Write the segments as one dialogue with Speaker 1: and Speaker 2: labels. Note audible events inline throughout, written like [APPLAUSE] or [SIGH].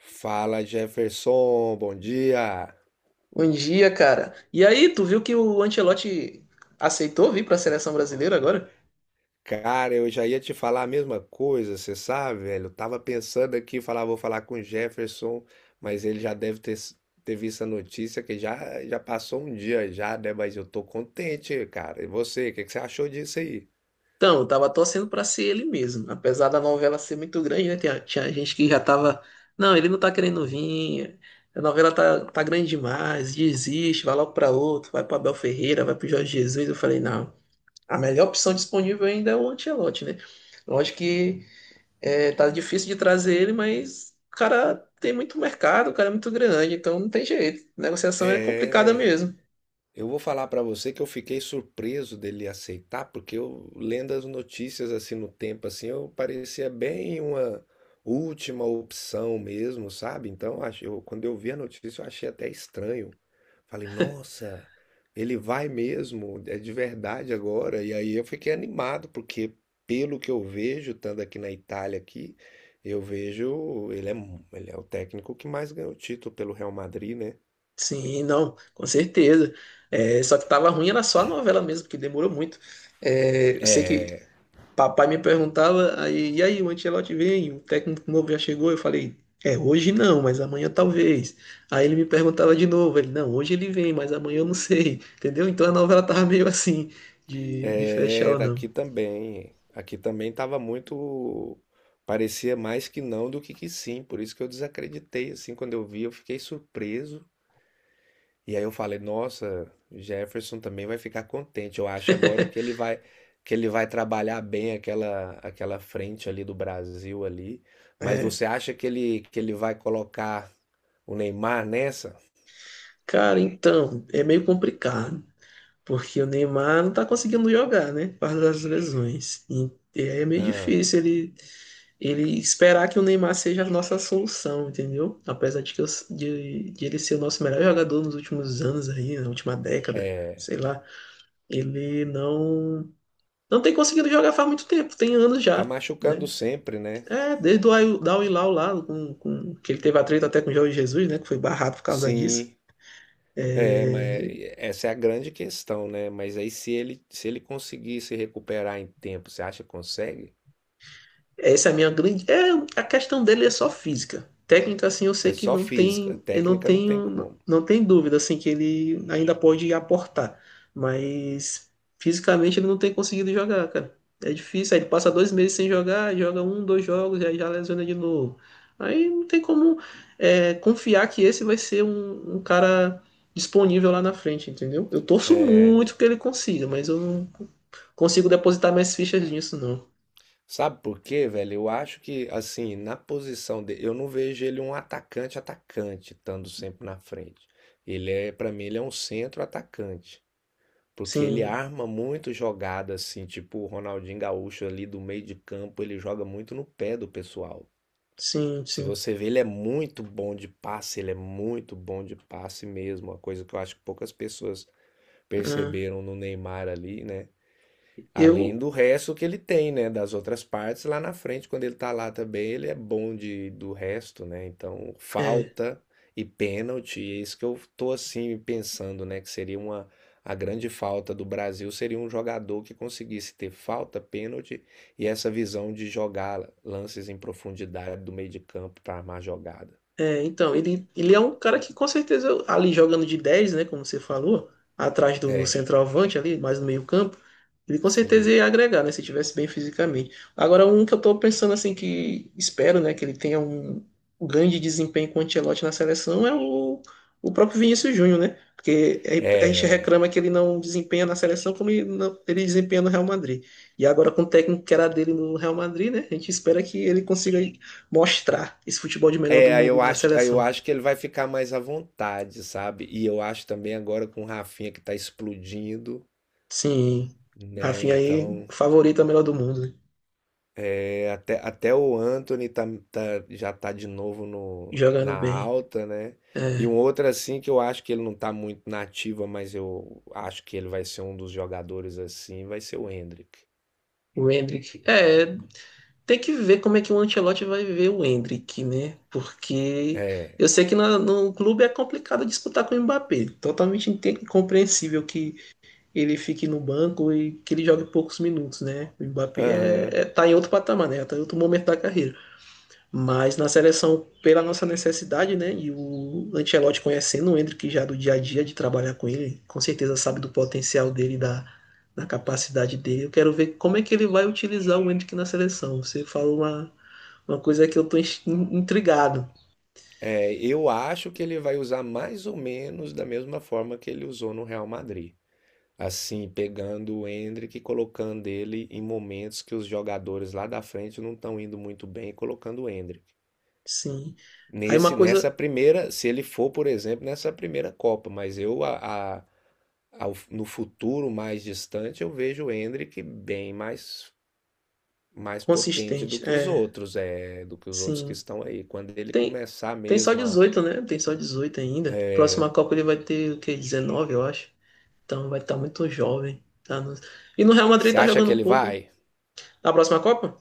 Speaker 1: Fala Jefferson, bom dia.
Speaker 2: Bom dia, cara. E aí, tu viu que o Ancelotti aceitou vir para a seleção brasileira agora?
Speaker 1: Cara, eu já ia te falar a mesma coisa, você sabe, velho? Eu tava pensando aqui, falar, vou falar com o Jefferson, mas ele já deve ter, ter visto a notícia que já passou um dia já, né? Mas eu tô contente, cara. E você, o que que você achou disso aí?
Speaker 2: Então, eu tava torcendo para ser ele mesmo. Apesar da novela ser muito grande, né? Tinha gente que já tava. Não, ele não tá querendo vir. A novela tá grande demais. Desiste, vai logo para outro. Vai para Abel Ferreira, vai para Jorge Jesus. Eu falei, não. A melhor opção disponível ainda é o Ancelotti, né? Lógico que. É, tá difícil de trazer ele, mas o cara tem muito mercado, o cara é muito grande, então não tem jeito. Negociação é complicada
Speaker 1: É.
Speaker 2: mesmo.
Speaker 1: Eu vou falar pra você que eu fiquei surpreso dele aceitar, porque eu lendo as notícias assim no tempo assim, eu parecia bem uma última opção mesmo, sabe? Então, quando eu vi a notícia, eu achei até estranho. Falei, nossa, ele vai mesmo, é de verdade agora. E aí eu fiquei animado, porque pelo que eu vejo, estando aqui na Itália aqui, eu vejo ele é, ele é o técnico que mais ganhou título pelo Real Madrid, né?
Speaker 2: Sim, não, com certeza. É, só que tava ruim era só a novela mesmo, porque demorou muito. É, eu sei que
Speaker 1: É.
Speaker 2: papai me perguntava, aí, e aí, o Ancelotti vem, o técnico novo já chegou, eu falei, é, hoje não, mas amanhã talvez. Aí ele me perguntava de novo, ele, não, hoje ele vem, mas amanhã eu não sei, entendeu? Então a novela tava meio assim, de fechar ou
Speaker 1: Era
Speaker 2: não.
Speaker 1: aqui também. Aqui também estava muito. Parecia mais que não do que sim. Por isso que eu desacreditei. Assim, quando eu vi, eu fiquei surpreso. E aí eu falei, nossa, Jefferson também vai ficar contente. Eu acho agora que ele vai trabalhar bem aquela frente ali do Brasil ali. Mas você acha que ele vai colocar o Neymar nessa?
Speaker 2: Cara, então, é meio complicado, porque o Neymar não tá conseguindo jogar, né? Por causa das lesões. E aí é meio
Speaker 1: Ah,
Speaker 2: difícil ele, esperar que o Neymar seja a nossa solução, entendeu? Apesar de, que eu- de ele ser o nosso melhor jogador nos últimos anos aí, na última década, sei lá, ele não tem conseguido jogar faz muito tempo, tem anos
Speaker 1: tá
Speaker 2: já,
Speaker 1: machucando
Speaker 2: né?
Speaker 1: sempre, né?
Speaker 2: É, desde da Al Hilal lá, com, que ele teve atrito até com o Jorge Jesus, né? Que foi barrado por causa disso.
Speaker 1: Sim. É, mas
Speaker 2: É,
Speaker 1: essa é a grande questão, né? Mas aí se ele conseguir se recuperar em tempo, você acha que consegue?
Speaker 2: É, essa é a minha grande. É, a questão dele é só física. Técnica, assim, eu sei
Speaker 1: É
Speaker 2: que
Speaker 1: só
Speaker 2: não
Speaker 1: física,
Speaker 2: tem. Eu não
Speaker 1: técnica não tem
Speaker 2: tenho.
Speaker 1: como.
Speaker 2: Não tem dúvida, assim, que ele ainda pode aportar. Mas fisicamente ele não tem conseguido jogar, cara. É difícil. Aí ele passa 2 meses sem jogar, joga um, dois jogos, e aí já lesiona de novo. Aí não tem como confiar que esse vai ser um cara disponível lá na frente, entendeu? Eu torço
Speaker 1: É,
Speaker 2: muito que ele consiga, mas eu não consigo depositar mais fichas nisso, não.
Speaker 1: sabe por quê, velho? Eu acho que assim, na posição dele, eu não vejo ele um atacante, estando sempre na frente. Para mim, ele é um centro atacante, porque ele
Speaker 2: Sim,
Speaker 1: arma muito jogada assim, tipo o Ronaldinho Gaúcho ali do meio de campo, ele joga muito no pé do pessoal.
Speaker 2: sim,
Speaker 1: Se
Speaker 2: sim.
Speaker 1: você vê, ele é muito bom de passe mesmo, uma coisa que eu acho que poucas pessoas
Speaker 2: Ah,
Speaker 1: perceberam no Neymar ali, né? Além
Speaker 2: eu.
Speaker 1: do resto que ele tem, né, das outras partes lá na frente, quando ele tá lá também, ele é bom de, do resto, né? Então,
Speaker 2: É,
Speaker 1: falta e pênalti, é isso que eu tô assim pensando, né, que seria uma a grande falta do Brasil seria um jogador que conseguisse ter falta, pênalti e essa visão de jogar lances em profundidade do meio de campo para armar jogada.
Speaker 2: então, ele é um cara que com certeza ali jogando de dez, né? Como você falou, atrás do centroavante ali, mais no meio-campo, ele com certeza
Speaker 1: Sim.
Speaker 2: ia agregar, né? Se tivesse bem fisicamente. Agora, um que eu tô pensando assim, que espero, né, que ele tenha um grande desempenho com o Ancelotti na seleção é o próprio Vinícius Júnior, né? Porque é, a gente
Speaker 1: É.
Speaker 2: reclama que ele não desempenha na seleção como ele, não- ele desempenha no Real Madrid. E agora com o técnico que era dele no Real Madrid, né? A gente espera que ele consiga mostrar esse futebol de melhor do mundo na
Speaker 1: Aí eu
Speaker 2: seleção.
Speaker 1: acho que ele vai ficar mais à vontade, sabe? E eu acho também agora com o Rafinha que tá explodindo,
Speaker 2: Sim,
Speaker 1: né?
Speaker 2: Rafinha aí,
Speaker 1: Então,
Speaker 2: favorito a melhor do mundo, né?
Speaker 1: é, até o Anthony tá, já tá de novo no, na
Speaker 2: Jogando bem.
Speaker 1: alta, né? E
Speaker 2: É,
Speaker 1: um outro assim que eu acho que ele não tá muito na ativa, mas eu acho que ele vai ser um dos jogadores assim, vai ser o Hendrick.
Speaker 2: o Endrick. É, tem que ver como é que o Ancelotti vai ver o Endrick, né? Porque
Speaker 1: É,
Speaker 2: eu sei que no clube é complicado disputar com o Mbappé. Totalmente incompreensível que ele fique no banco e que ele jogue poucos minutos, né? O Mbappé
Speaker 1: aham.
Speaker 2: tá em outro patamar, né? Tá em outro momento da carreira. Mas na seleção, pela nossa necessidade, né? E o Ancelotti conhecendo o Endrick já do dia a dia de trabalhar com ele, com certeza sabe do potencial dele, da capacidade dele. Eu quero ver como é que ele vai utilizar o Endrick na seleção. Você falou uma coisa que eu tô intrigado.
Speaker 1: É, eu acho que ele vai usar mais ou menos da mesma forma que ele usou no Real Madrid. Assim, pegando o Endrick e colocando ele em momentos que os jogadores lá da frente não estão indo muito bem, colocando o Endrick.
Speaker 2: Sim. Aí uma coisa
Speaker 1: Se ele for, por exemplo, nessa primeira Copa, mas eu a- ao- no futuro mais distante eu vejo o Endrick bem mais mais potente do
Speaker 2: consistente.
Speaker 1: que os
Speaker 2: É,
Speaker 1: outros, é, do que os outros que
Speaker 2: sim.
Speaker 1: estão aí. Quando ele
Speaker 2: Tem,
Speaker 1: começar
Speaker 2: tem só
Speaker 1: mesmo a,
Speaker 2: 18, né? Tem só 18 ainda. Próxima Copa ele vai ter o quê? 19, eu acho. Então vai estar muito jovem. Tá E no Real Madrid
Speaker 1: você
Speaker 2: tá
Speaker 1: acha que
Speaker 2: jogando um
Speaker 1: ele
Speaker 2: pouco, né?
Speaker 1: vai?
Speaker 2: Na próxima Copa?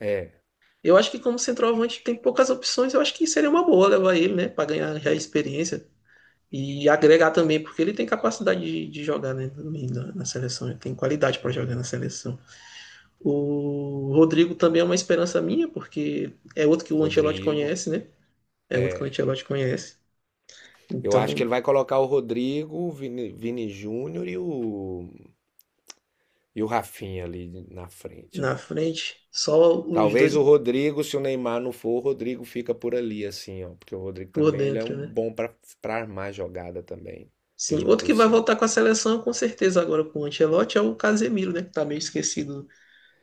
Speaker 1: É.
Speaker 2: Eu acho que como centroavante tem poucas opções, eu acho que seria uma boa levar ele, né? Para ganhar já experiência e agregar também, porque ele tem capacidade de jogar, né, também na seleção, ele tem qualidade para jogar na
Speaker 1: Uhum.
Speaker 2: seleção. O Rodrigo também é uma esperança minha, porque é outro que o Ancelotti
Speaker 1: Rodrigo.
Speaker 2: conhece, né? É outro que o Ancelotti conhece.
Speaker 1: Eu acho que
Speaker 2: Então,
Speaker 1: ele vai colocar o Rodrigo, o Vini Júnior e o Rafinha ali na frente
Speaker 2: na
Speaker 1: ali.
Speaker 2: frente, só os
Speaker 1: Talvez o
Speaker 2: dois
Speaker 1: Rodrigo, se o Neymar não for, o Rodrigo fica por ali assim, ó, porque o Rodrigo
Speaker 2: por
Speaker 1: também ele é
Speaker 2: dentro,
Speaker 1: um
Speaker 2: né?
Speaker 1: bom para armar jogada também
Speaker 2: Sim,
Speaker 1: pelo
Speaker 2: outro
Speaker 1: pro
Speaker 2: que vai voltar
Speaker 1: centro.
Speaker 2: com a seleção, com certeza, agora com o Ancelotti é o Casemiro, né? Que tá meio esquecido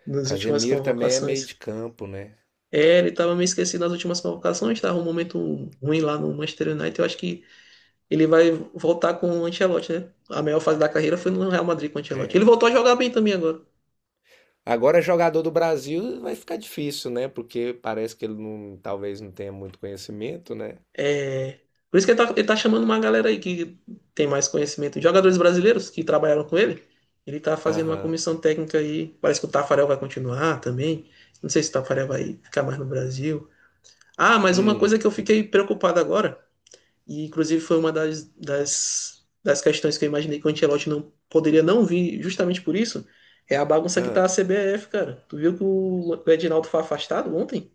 Speaker 2: nas últimas
Speaker 1: Casemiro também é meio de
Speaker 2: convocações.
Speaker 1: campo, né?
Speaker 2: É, ele estava meio esquecido nas últimas convocações, estava um momento ruim lá no Manchester United. Eu acho que ele vai voltar com o Ancelotti, né? A melhor fase da carreira foi no Real Madrid com o Ancelotti. Ele
Speaker 1: É.
Speaker 2: voltou a jogar bem também agora.
Speaker 1: Agora jogador do Brasil vai ficar difícil, né? Porque parece que ele não, talvez não tenha muito conhecimento, né?
Speaker 2: É. Por isso que ele tá chamando uma galera aí que tem mais conhecimento. Jogadores brasileiros que trabalharam com ele. Ele tá fazendo uma
Speaker 1: Aham.
Speaker 2: comissão técnica aí. Parece que o Tafarel vai continuar também. Não sei se o Tafarel vai ficar mais no Brasil. Ah, mas uma
Speaker 1: Hum.
Speaker 2: coisa que eu fiquei preocupado agora. E, inclusive, foi uma das questões que eu imaginei que o Ancelotti não poderia não vir, justamente por isso. É a bagunça que tá
Speaker 1: Ah.
Speaker 2: a CBF, cara. Tu viu que o Edinaldo foi afastado ontem?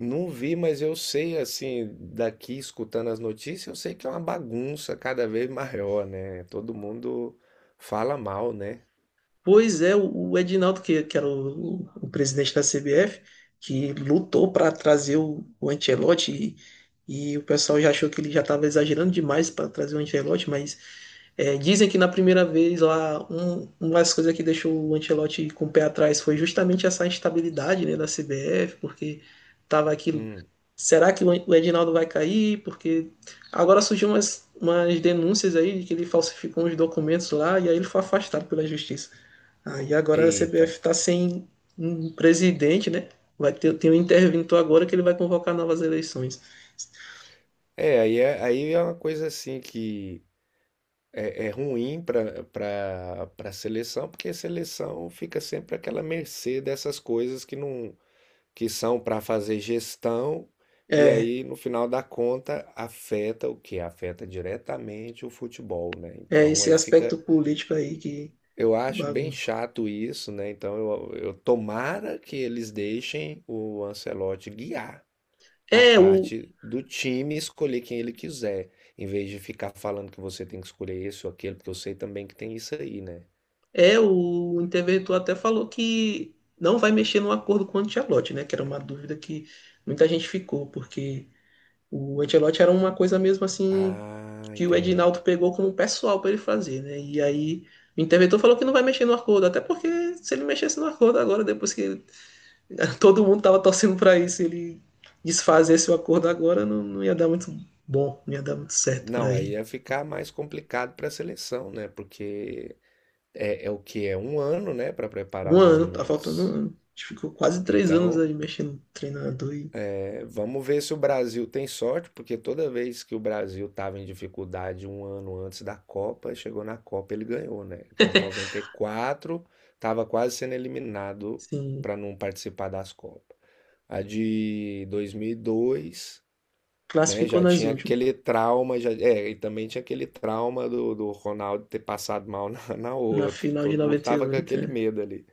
Speaker 1: Não vi, mas eu sei, assim, daqui escutando as notícias, eu sei que é uma bagunça cada vez maior, né? Todo mundo fala mal, né?
Speaker 2: Pois é, o Edinaldo, que era o presidente da CBF, que lutou para trazer o Ancelotti e o pessoal já achou que ele já estava exagerando demais para trazer o Ancelotti, mas. É, dizem que na primeira vez lá, uma das coisas que deixou o Ancelotti com o pé atrás foi justamente essa instabilidade, né, da CBF, porque tava aquilo.
Speaker 1: Hum,
Speaker 2: Será que o Edinaldo vai cair? Porque agora surgiu umas denúncias aí de que ele falsificou uns documentos lá e aí ele foi afastado pela justiça. Aí agora a
Speaker 1: eita.
Speaker 2: CBF está sem um presidente, né? Vai ter, tem um interventor agora que ele vai convocar novas eleições.
Speaker 1: Aí é uma coisa assim que é, é ruim para seleção, porque a seleção fica sempre àquela mercê dessas coisas que não que são para fazer gestão, e
Speaker 2: É,
Speaker 1: aí no final da conta afeta o que? Afeta diretamente o futebol, né?
Speaker 2: é
Speaker 1: Então
Speaker 2: esse
Speaker 1: aí fica.
Speaker 2: aspecto político aí que
Speaker 1: Eu acho bem
Speaker 2: bagunça.
Speaker 1: chato isso, né? Então eu tomara que eles deixem o Ancelotti guiar a
Speaker 2: É, o,
Speaker 1: parte do time e escolher quem ele quiser, em vez de ficar falando que você tem que escolher esse ou aquele, porque eu sei também que tem isso aí, né?
Speaker 2: o interventor até falou que não vai mexer no acordo com o Ancelotti, né? Que era uma dúvida que muita gente ficou, porque o Ancelotti era uma coisa mesmo assim
Speaker 1: Ah,
Speaker 2: que o Edinaldo
Speaker 1: entendi.
Speaker 2: pegou como pessoal para ele fazer, né? E aí o interventor falou que não vai mexer no acordo, até porque se ele mexesse no acordo agora, depois [LAUGHS] todo mundo tava torcendo para isso, ele desfazesse o acordo agora, não, não ia dar muito bom, não ia dar muito certo
Speaker 1: Não,
Speaker 2: para
Speaker 1: aí
Speaker 2: ele.
Speaker 1: ia ficar mais complicado para a seleção, né? Porque é, é o que é um ano, né, para
Speaker 2: Um
Speaker 1: preparar mais ou
Speaker 2: ano, tá faltando um
Speaker 1: menos.
Speaker 2: ano. A gente ficou quase 3 anos
Speaker 1: Então
Speaker 2: aí mexendo no treinador e.
Speaker 1: é, vamos ver se o Brasil tem sorte, porque toda vez que o Brasil estava em dificuldade um ano antes da Copa, chegou na Copa ele ganhou, né? Que é de 94 estava quase sendo eliminado
Speaker 2: Sim,
Speaker 1: para não participar das Copas. A de 2002, né?
Speaker 2: classificou
Speaker 1: Já
Speaker 2: nas
Speaker 1: tinha
Speaker 2: últimas,
Speaker 1: aquele trauma, já, é, e também tinha aquele trauma do, do Ronaldo ter passado mal [LAUGHS] na, na
Speaker 2: na
Speaker 1: outra.
Speaker 2: final de
Speaker 1: Todo mundo tava com
Speaker 2: 98,
Speaker 1: aquele
Speaker 2: né?
Speaker 1: medo ali.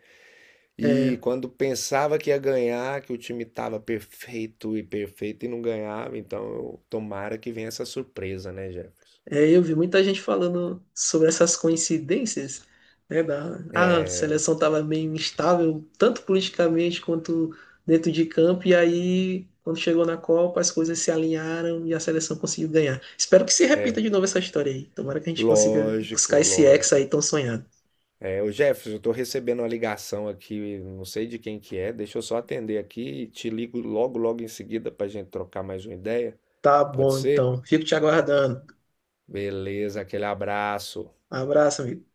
Speaker 2: É,
Speaker 1: E
Speaker 2: é,
Speaker 1: quando pensava que ia ganhar, que o time estava perfeito e perfeito e não ganhava, então tomara que venha essa surpresa, né, Jefferson?
Speaker 2: é, eu vi muita gente falando sobre essas coincidências, né, a
Speaker 1: É,
Speaker 2: seleção estava meio instável, tanto politicamente quanto dentro de campo, e aí, quando chegou na Copa, as coisas se alinharam e a seleção conseguiu ganhar. Espero que se repita de novo essa história aí. Tomara que a gente consiga buscar
Speaker 1: lógico,
Speaker 2: esse ex aí
Speaker 1: lógico.
Speaker 2: tão sonhado.
Speaker 1: É, o Jefferson, eu tô recebendo uma ligação aqui, não sei de quem que é, deixa eu só atender aqui e te ligo logo em seguida pra gente trocar mais uma ideia.
Speaker 2: Tá
Speaker 1: Pode
Speaker 2: bom,
Speaker 1: ser?
Speaker 2: então. Fico te aguardando.
Speaker 1: Beleza, aquele abraço.
Speaker 2: Abraço, amigo.